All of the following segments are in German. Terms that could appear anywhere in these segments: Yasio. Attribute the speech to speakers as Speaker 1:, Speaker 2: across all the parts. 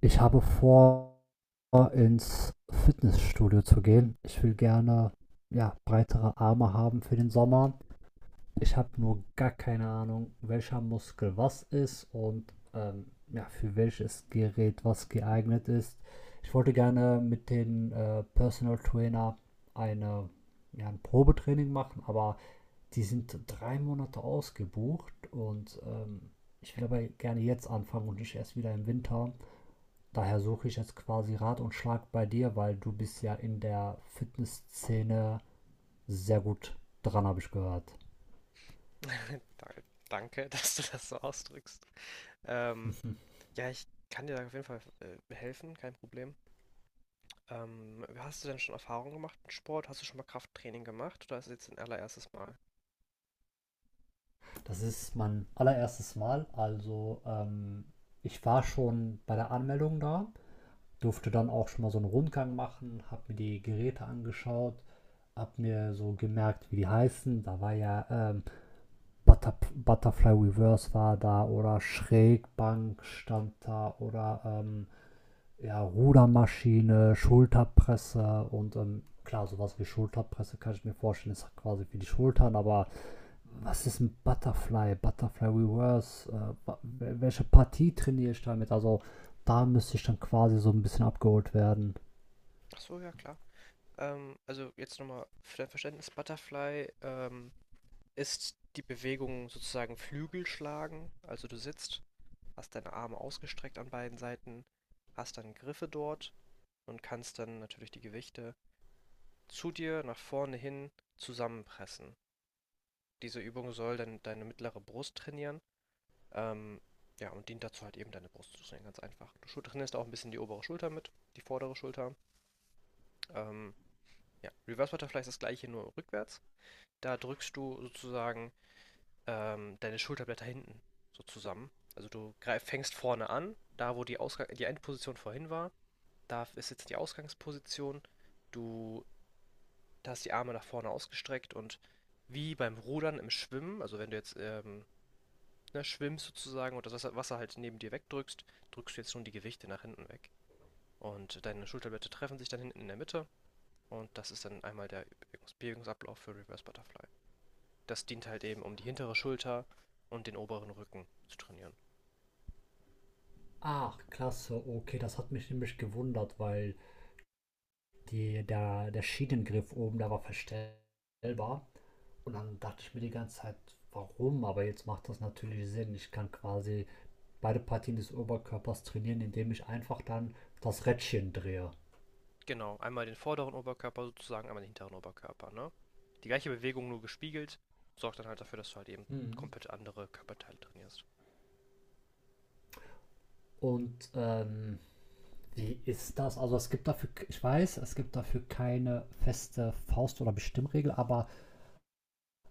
Speaker 1: Ich habe vor, ins Fitnessstudio zu gehen. Ich will gerne ja, breitere Arme haben für den Sommer. Ich habe nur gar keine Ahnung, welcher Muskel was ist und ja, für welches Gerät was geeignet ist. Ich wollte gerne mit dem Personal Trainer eine, ja, ein Probetraining machen, aber die sind 3 Monate ausgebucht und ich will aber gerne jetzt anfangen und nicht erst wieder im Winter. Daher suche ich jetzt quasi Rat und Schlag bei dir, weil du bist ja in der Fitnessszene sehr gut dran, habe ich gehört.
Speaker 2: Da danke, dass du das so ausdrückst. Ähm, ja, ich kann dir da auf jeden Fall, helfen, kein Problem. Hast du denn schon Erfahrung gemacht mit Sport? Hast du schon mal Krafttraining gemacht oder ist es jetzt dein allererstes Mal?
Speaker 1: Das ist mein allererstes Mal. Also ich war schon bei der Anmeldung da, durfte dann auch schon mal so einen Rundgang machen, habe mir die Geräte angeschaut, habe mir so gemerkt, wie die heißen. Da war ja ähm, Butterfly Reverse war da oder Schrägbank stand da oder ja, Rudermaschine, Schulterpresse und klar, sowas wie Schulterpresse kann ich mir vorstellen, ist quasi für die Schultern, aber was ist ein Butterfly, Butterfly Reverse, welche Partie trainiere ich damit? Also da müsste ich dann quasi so ein bisschen abgeholt werden.
Speaker 2: Ach so, ja klar. Also jetzt nochmal für dein Verständnis, Butterfly, ist die Bewegung sozusagen Flügelschlagen. Also du sitzt, hast deine Arme ausgestreckt an beiden Seiten, hast dann Griffe dort und kannst dann natürlich die Gewichte zu dir nach vorne hin zusammenpressen. Diese Übung soll dann deine mittlere Brust trainieren. Ähm, ja, und dient dazu halt eben deine Brust zu trainieren, ganz einfach. Du trainierst auch ein bisschen die obere Schulter mit, die vordere Schulter. Ähm, ja, Reverse Butterfly ist das gleiche, nur rückwärts. Da drückst du sozusagen deine Schulterblätter hinten so zusammen. Also du fängst vorne an, da wo die Endposition vorhin war, da ist jetzt die Ausgangsposition. Du Da hast du die Arme nach vorne ausgestreckt und wie beim Rudern im Schwimmen, also wenn du jetzt ne, schwimmst sozusagen und das Wasser halt neben dir wegdrückst, drückst du jetzt schon die Gewichte nach hinten weg. Und deine Schulterblätter treffen sich dann hinten in der Mitte und das ist dann einmal der Bewegungsablauf für Reverse Butterfly. Das dient halt eben, um die hintere Schulter und den oberen Rücken zu trainieren.
Speaker 1: Ach, klasse, okay, das hat mich nämlich gewundert, weil der Schienengriff oben, der war verstellbar und dann dachte ich mir die ganze Zeit, warum? Aber jetzt macht das natürlich Sinn. Ich kann quasi beide Partien des Oberkörpers trainieren, indem ich einfach dann das Rädchen drehe.
Speaker 2: Genau, einmal den vorderen Oberkörper sozusagen, einmal den hinteren Oberkörper, ne? Die gleiche Bewegung nur gespiegelt, sorgt dann halt dafür, dass du halt eben
Speaker 1: Mhm.
Speaker 2: komplett andere Körperteile trainierst.
Speaker 1: Und wie ist das? Also es gibt dafür, ich weiß, es gibt dafür keine feste Faust- oder Bestimmregel, aber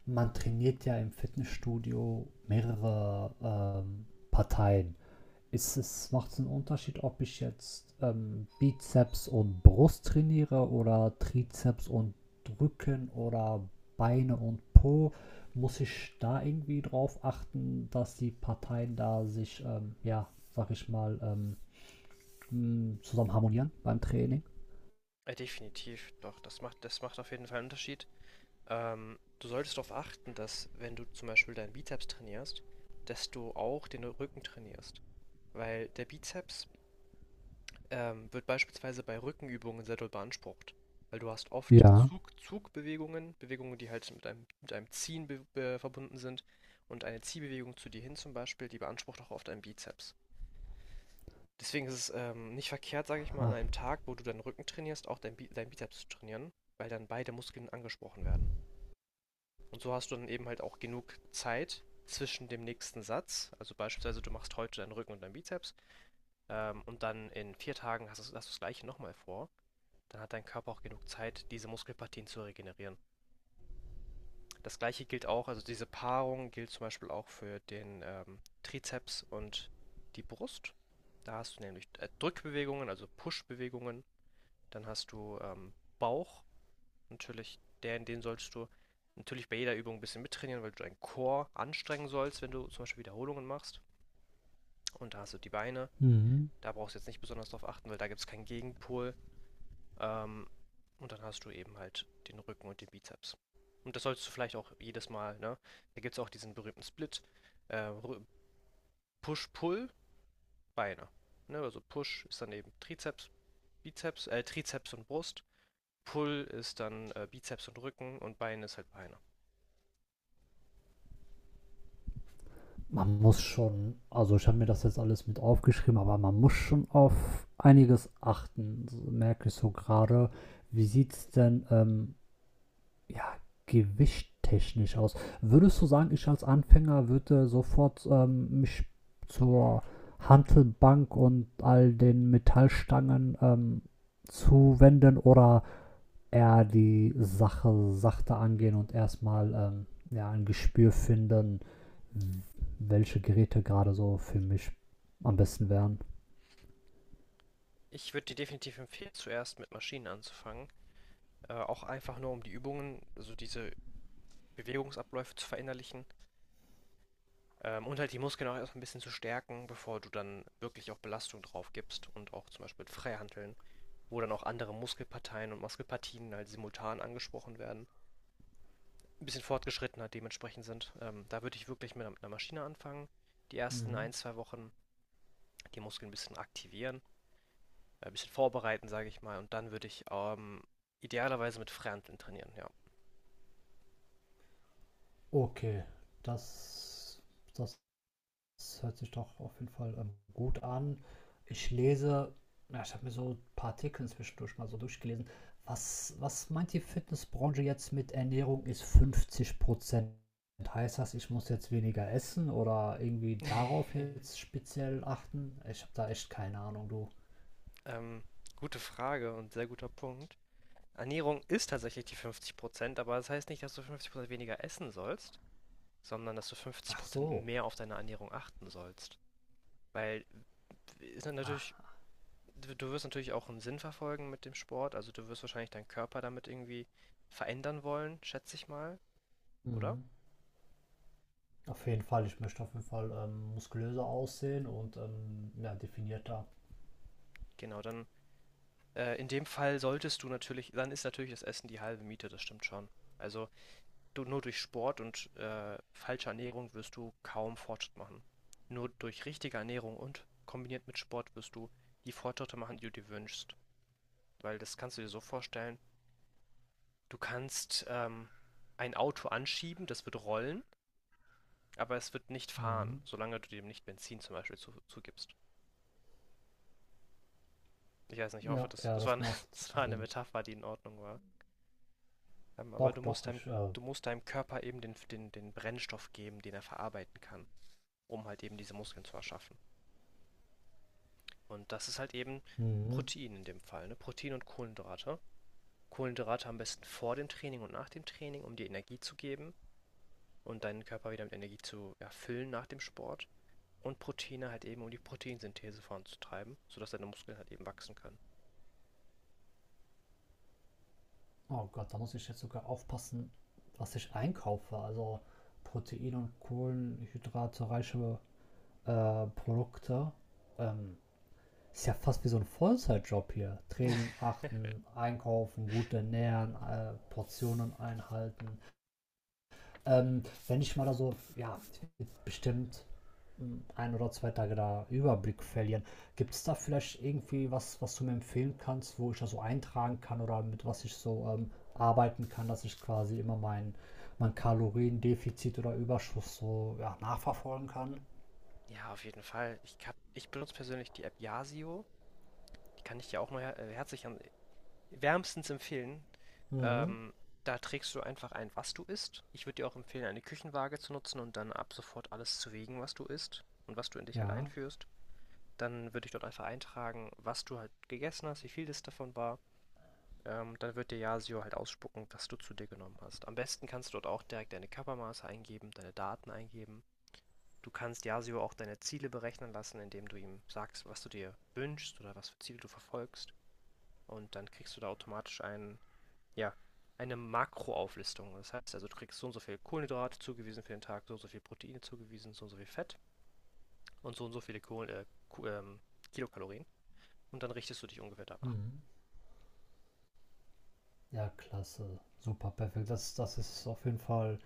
Speaker 1: man trainiert ja im Fitnessstudio mehrere Parteien. Macht es einen Unterschied, ob ich jetzt Bizeps und Brust trainiere oder Trizeps und Rücken oder Beine und Po? Muss ich da irgendwie drauf achten, dass die Parteien da sich, ja, sag ich mal, zusammen harmonieren beim Training?
Speaker 2: Definitiv, doch, das macht auf jeden Fall einen Unterschied. Du solltest darauf achten, dass wenn du zum Beispiel deinen Bizeps trainierst, dass du auch den Rücken trainierst. Weil der Bizeps wird beispielsweise bei Rückenübungen sehr doll beansprucht. Weil du hast oft
Speaker 1: Ja.
Speaker 2: Zugbewegungen, Bewegungen, die halt mit mit einem Ziehen verbunden sind. Und eine Ziehbewegung zu dir hin zum Beispiel, die beansprucht auch oft einen Bizeps. Deswegen ist es, nicht verkehrt, sage ich mal, an
Speaker 1: Aha.
Speaker 2: einem Tag, wo du deinen Rücken trainierst, auch deinen Bizeps zu trainieren, weil dann beide Muskeln angesprochen werden. Und so hast du dann eben halt auch genug Zeit zwischen dem nächsten Satz. Also beispielsweise, du machst heute deinen Rücken und deinen Bizeps, und dann in vier Tagen hast du das Gleiche nochmal vor. Dann hat dein Körper auch genug Zeit, diese Muskelpartien zu regenerieren. Das Gleiche gilt auch, also diese Paarung gilt zum Beispiel auch für den, Trizeps und die Brust. Da hast du nämlich, Drückbewegungen, also Push-Bewegungen. Dann hast du Bauch, natürlich in den solltest du natürlich bei jeder Übung ein bisschen mittrainieren, weil du deinen Core anstrengen sollst, wenn du zum Beispiel Wiederholungen machst. Und da hast du die Beine,
Speaker 1: Mhm.
Speaker 2: da brauchst du jetzt nicht besonders drauf achten, weil da gibt es keinen Gegenpol. Ähm, und dann hast du eben halt den Rücken und den Bizeps. Und das solltest du vielleicht auch jedes Mal, ne? Da gibt es auch diesen berühmten Split. Äh, Push-Pull, Beine. Ne? Also Push ist dann eben Trizeps und Brust. Pull ist dann Bizeps und Rücken und Bein ist halt Beine.
Speaker 1: Man muss schon, also ich habe mir das jetzt alles mit aufgeschrieben, aber man muss schon auf einiges achten, so merke ich so gerade. Wie sieht es denn ja, gewichttechnisch aus? Würdest du sagen, ich als Anfänger würde sofort mich zur Hantelbank und all den Metallstangen zuwenden oder eher die Sache sachte angehen und erstmal ja, ein Gespür finden, welche Geräte gerade so für mich am besten wären?
Speaker 2: Ich würde dir definitiv empfehlen, zuerst mit Maschinen anzufangen. Auch einfach nur, um die Übungen, also diese Bewegungsabläufe zu verinnerlichen, und halt die Muskeln auch erstmal ein bisschen zu stärken, bevor du dann wirklich auch Belastung drauf gibst und auch zum Beispiel mit Freihandeln, wo dann auch andere Muskelparteien und Muskelpartien halt simultan angesprochen werden, ein bisschen fortgeschrittener dementsprechend sind. Da würde ich wirklich mit einer Maschine anfangen, die ersten ein,
Speaker 1: Mhm.
Speaker 2: zwei Wochen die Muskeln ein bisschen aktivieren, ein bisschen vorbereiten, sage ich mal. Und dann würde ich idealerweise mit Freihandeln trainieren, ja.
Speaker 1: Okay, das, das Das hört sich doch auf jeden Fall gut an. Ich lese, ja, ich habe mir so ein paar Artikel zwischendurch mal so durchgelesen. Was meint die Fitnessbranche jetzt mit Ernährung ist 50%? Heißt das, ich muss jetzt weniger essen oder irgendwie darauf jetzt speziell achten? Ich habe da echt keine Ahnung, du.
Speaker 2: Ähm, gute Frage und sehr guter Punkt. Ernährung ist tatsächlich die 50%, aber das heißt nicht, dass du 50% weniger essen sollst, sondern dass du
Speaker 1: Ach
Speaker 2: 50%
Speaker 1: so.
Speaker 2: mehr auf deine Ernährung achten sollst. Weil ist dann
Speaker 1: Ah.
Speaker 2: natürlich, du wirst natürlich auch einen Sinn verfolgen mit dem Sport, also du wirst wahrscheinlich deinen Körper damit irgendwie verändern wollen, schätze ich mal, oder?
Speaker 1: Mhm. Auf jeden Fall, ich möchte auf jeden Fall muskulöser aussehen und ja, definierter.
Speaker 2: Genau, dann in dem Fall solltest du natürlich, dann ist natürlich das Essen die halbe Miete, das stimmt schon. Also du, nur durch Sport und falsche Ernährung wirst du kaum Fortschritt machen. Nur durch richtige Ernährung und kombiniert mit Sport wirst du die Fortschritte machen, die du dir wünschst. Weil das kannst du dir so vorstellen, du kannst ein Auto anschieben, das wird rollen, aber es wird nicht fahren,
Speaker 1: Mhm.
Speaker 2: solange du dem nicht Benzin zum Beispiel zugibst. Ich weiß nicht, ich hoffe,
Speaker 1: Ja, ja, das macht
Speaker 2: das war eine
Speaker 1: Sinn.
Speaker 2: Metapher, die in Ordnung war. Aber
Speaker 1: Doch,
Speaker 2: du
Speaker 1: doch,
Speaker 2: musst
Speaker 1: ich äh,
Speaker 2: du musst deinem Körper eben den Brennstoff geben, den er verarbeiten kann, um halt eben diese Muskeln zu erschaffen. Und das ist halt eben
Speaker 1: Mhm.
Speaker 2: Protein in dem Fall, ne? Protein und Kohlenhydrate. Kohlenhydrate am besten vor dem Training und nach dem Training, um dir Energie zu geben und deinen Körper wieder mit Energie zu erfüllen nach dem Sport. Und Proteine halt eben, um die Proteinsynthese voranzutreiben, sodass deine Muskeln halt eben wachsen können.
Speaker 1: Oh Gott, da muss ich jetzt sogar aufpassen, was ich einkaufe. Also Protein- und Kohlenhydrate-reiche Produkte. Ähm, Ist ja fast wie so ein Vollzeitjob hier. Training achten, einkaufen, gut ernähren, Portionen einhalten. Wenn ich mal da so, ja, bestimmt 1 oder 2 Tage da Überblick verlieren. Gibt es da vielleicht irgendwie was, was du mir empfehlen kannst, wo ich da so eintragen kann oder mit was ich so arbeiten kann, dass ich quasi immer mein Kaloriendefizit oder Überschuss so ja, nachverfolgen kann?
Speaker 2: Ja, auf jeden Fall. Ich, hab, ich benutze persönlich die App Yasio. Die kann ich dir auch mal herzlich wärmstens empfehlen.
Speaker 1: Mhm.
Speaker 2: Ähm, da trägst du einfach ein, was du isst. Ich würde dir auch empfehlen, eine Küchenwaage zu nutzen und dann ab sofort alles zu wiegen, was du isst und was du in dich halt
Speaker 1: Ja.
Speaker 2: einführst. Dann würde ich dort einfach eintragen, was du halt gegessen hast, wie viel das davon war. Dann wird dir Yasio halt ausspucken, was du zu dir genommen hast. Am besten kannst du dort auch direkt deine Körpermaße eingeben, deine Daten eingeben. Du kannst Yasio auch deine Ziele berechnen lassen, indem du ihm sagst, was du dir wünschst oder was für Ziele du verfolgst. Und dann kriegst du da automatisch einen, ja, eine Makroauflistung. Das heißt also, du kriegst so und so viel Kohlenhydrate zugewiesen für den Tag, so und so viel Proteine zugewiesen, so und so viel Fett und so viele ähm, Kilokalorien. Und dann richtest du dich ungefähr danach.
Speaker 1: Mhm. Ja, klasse. Super, perfekt. Das ist auf jeden Fall,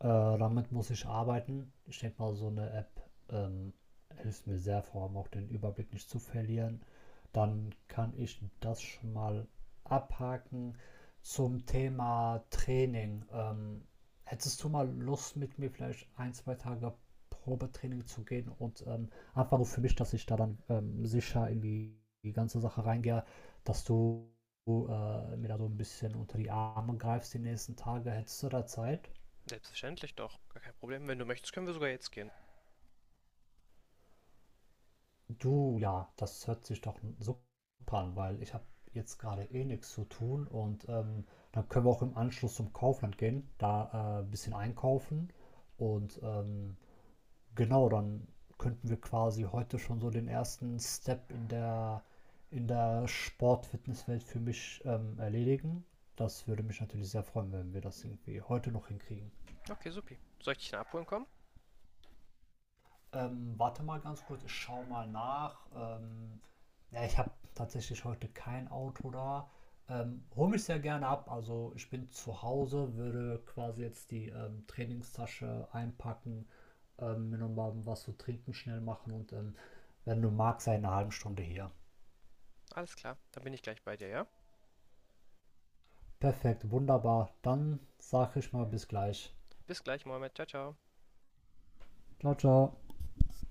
Speaker 1: äh, damit muss ich arbeiten. Ich denke mal, so eine App ähm, hilft mir sehr, vor allem auch den Überblick nicht zu verlieren. Dann kann ich das schon mal abhaken. Zum Thema Training. Hättest du mal Lust, mit mir vielleicht 1, 2 Tage Probetraining zu gehen und einfach nur für mich, dass ich da dann sicher in die ganze Sache reingehe, dass du mir da so ein bisschen unter die Arme greifst die nächsten Tage? Hättest du da Zeit?
Speaker 2: Selbstverständlich doch, gar kein Problem. Wenn du möchtest, können wir sogar jetzt gehen.
Speaker 1: Du, ja, das hört sich doch super an, weil ich habe jetzt gerade eh nichts zu tun und dann können wir auch im Anschluss zum Kaufland gehen, da ein bisschen einkaufen und genau, dann könnten wir quasi heute schon so den ersten Step in der Sport-Fitness-Welt für mich erledigen. Das würde mich natürlich sehr freuen, wenn wir das irgendwie heute noch hinkriegen.
Speaker 2: Okay, supi. Soll ich dich dann abholen kommen?
Speaker 1: Warte mal ganz kurz, ich schaue mal nach. Ja, ich habe tatsächlich heute kein Auto da. Hole mich sehr gerne ab. Also ich bin zu Hause, würde quasi jetzt die Trainingstasche einpacken, mir nochmal was zu trinken schnell machen und wenn du magst, sei in einer halben Stunde hier.
Speaker 2: Alles klar, dann bin ich gleich bei dir, ja?
Speaker 1: Perfekt, wunderbar. Dann sage ich mal bis gleich.
Speaker 2: Bis gleich, Mohammed. Ciao, ciao.
Speaker 1: Ciao, ciao.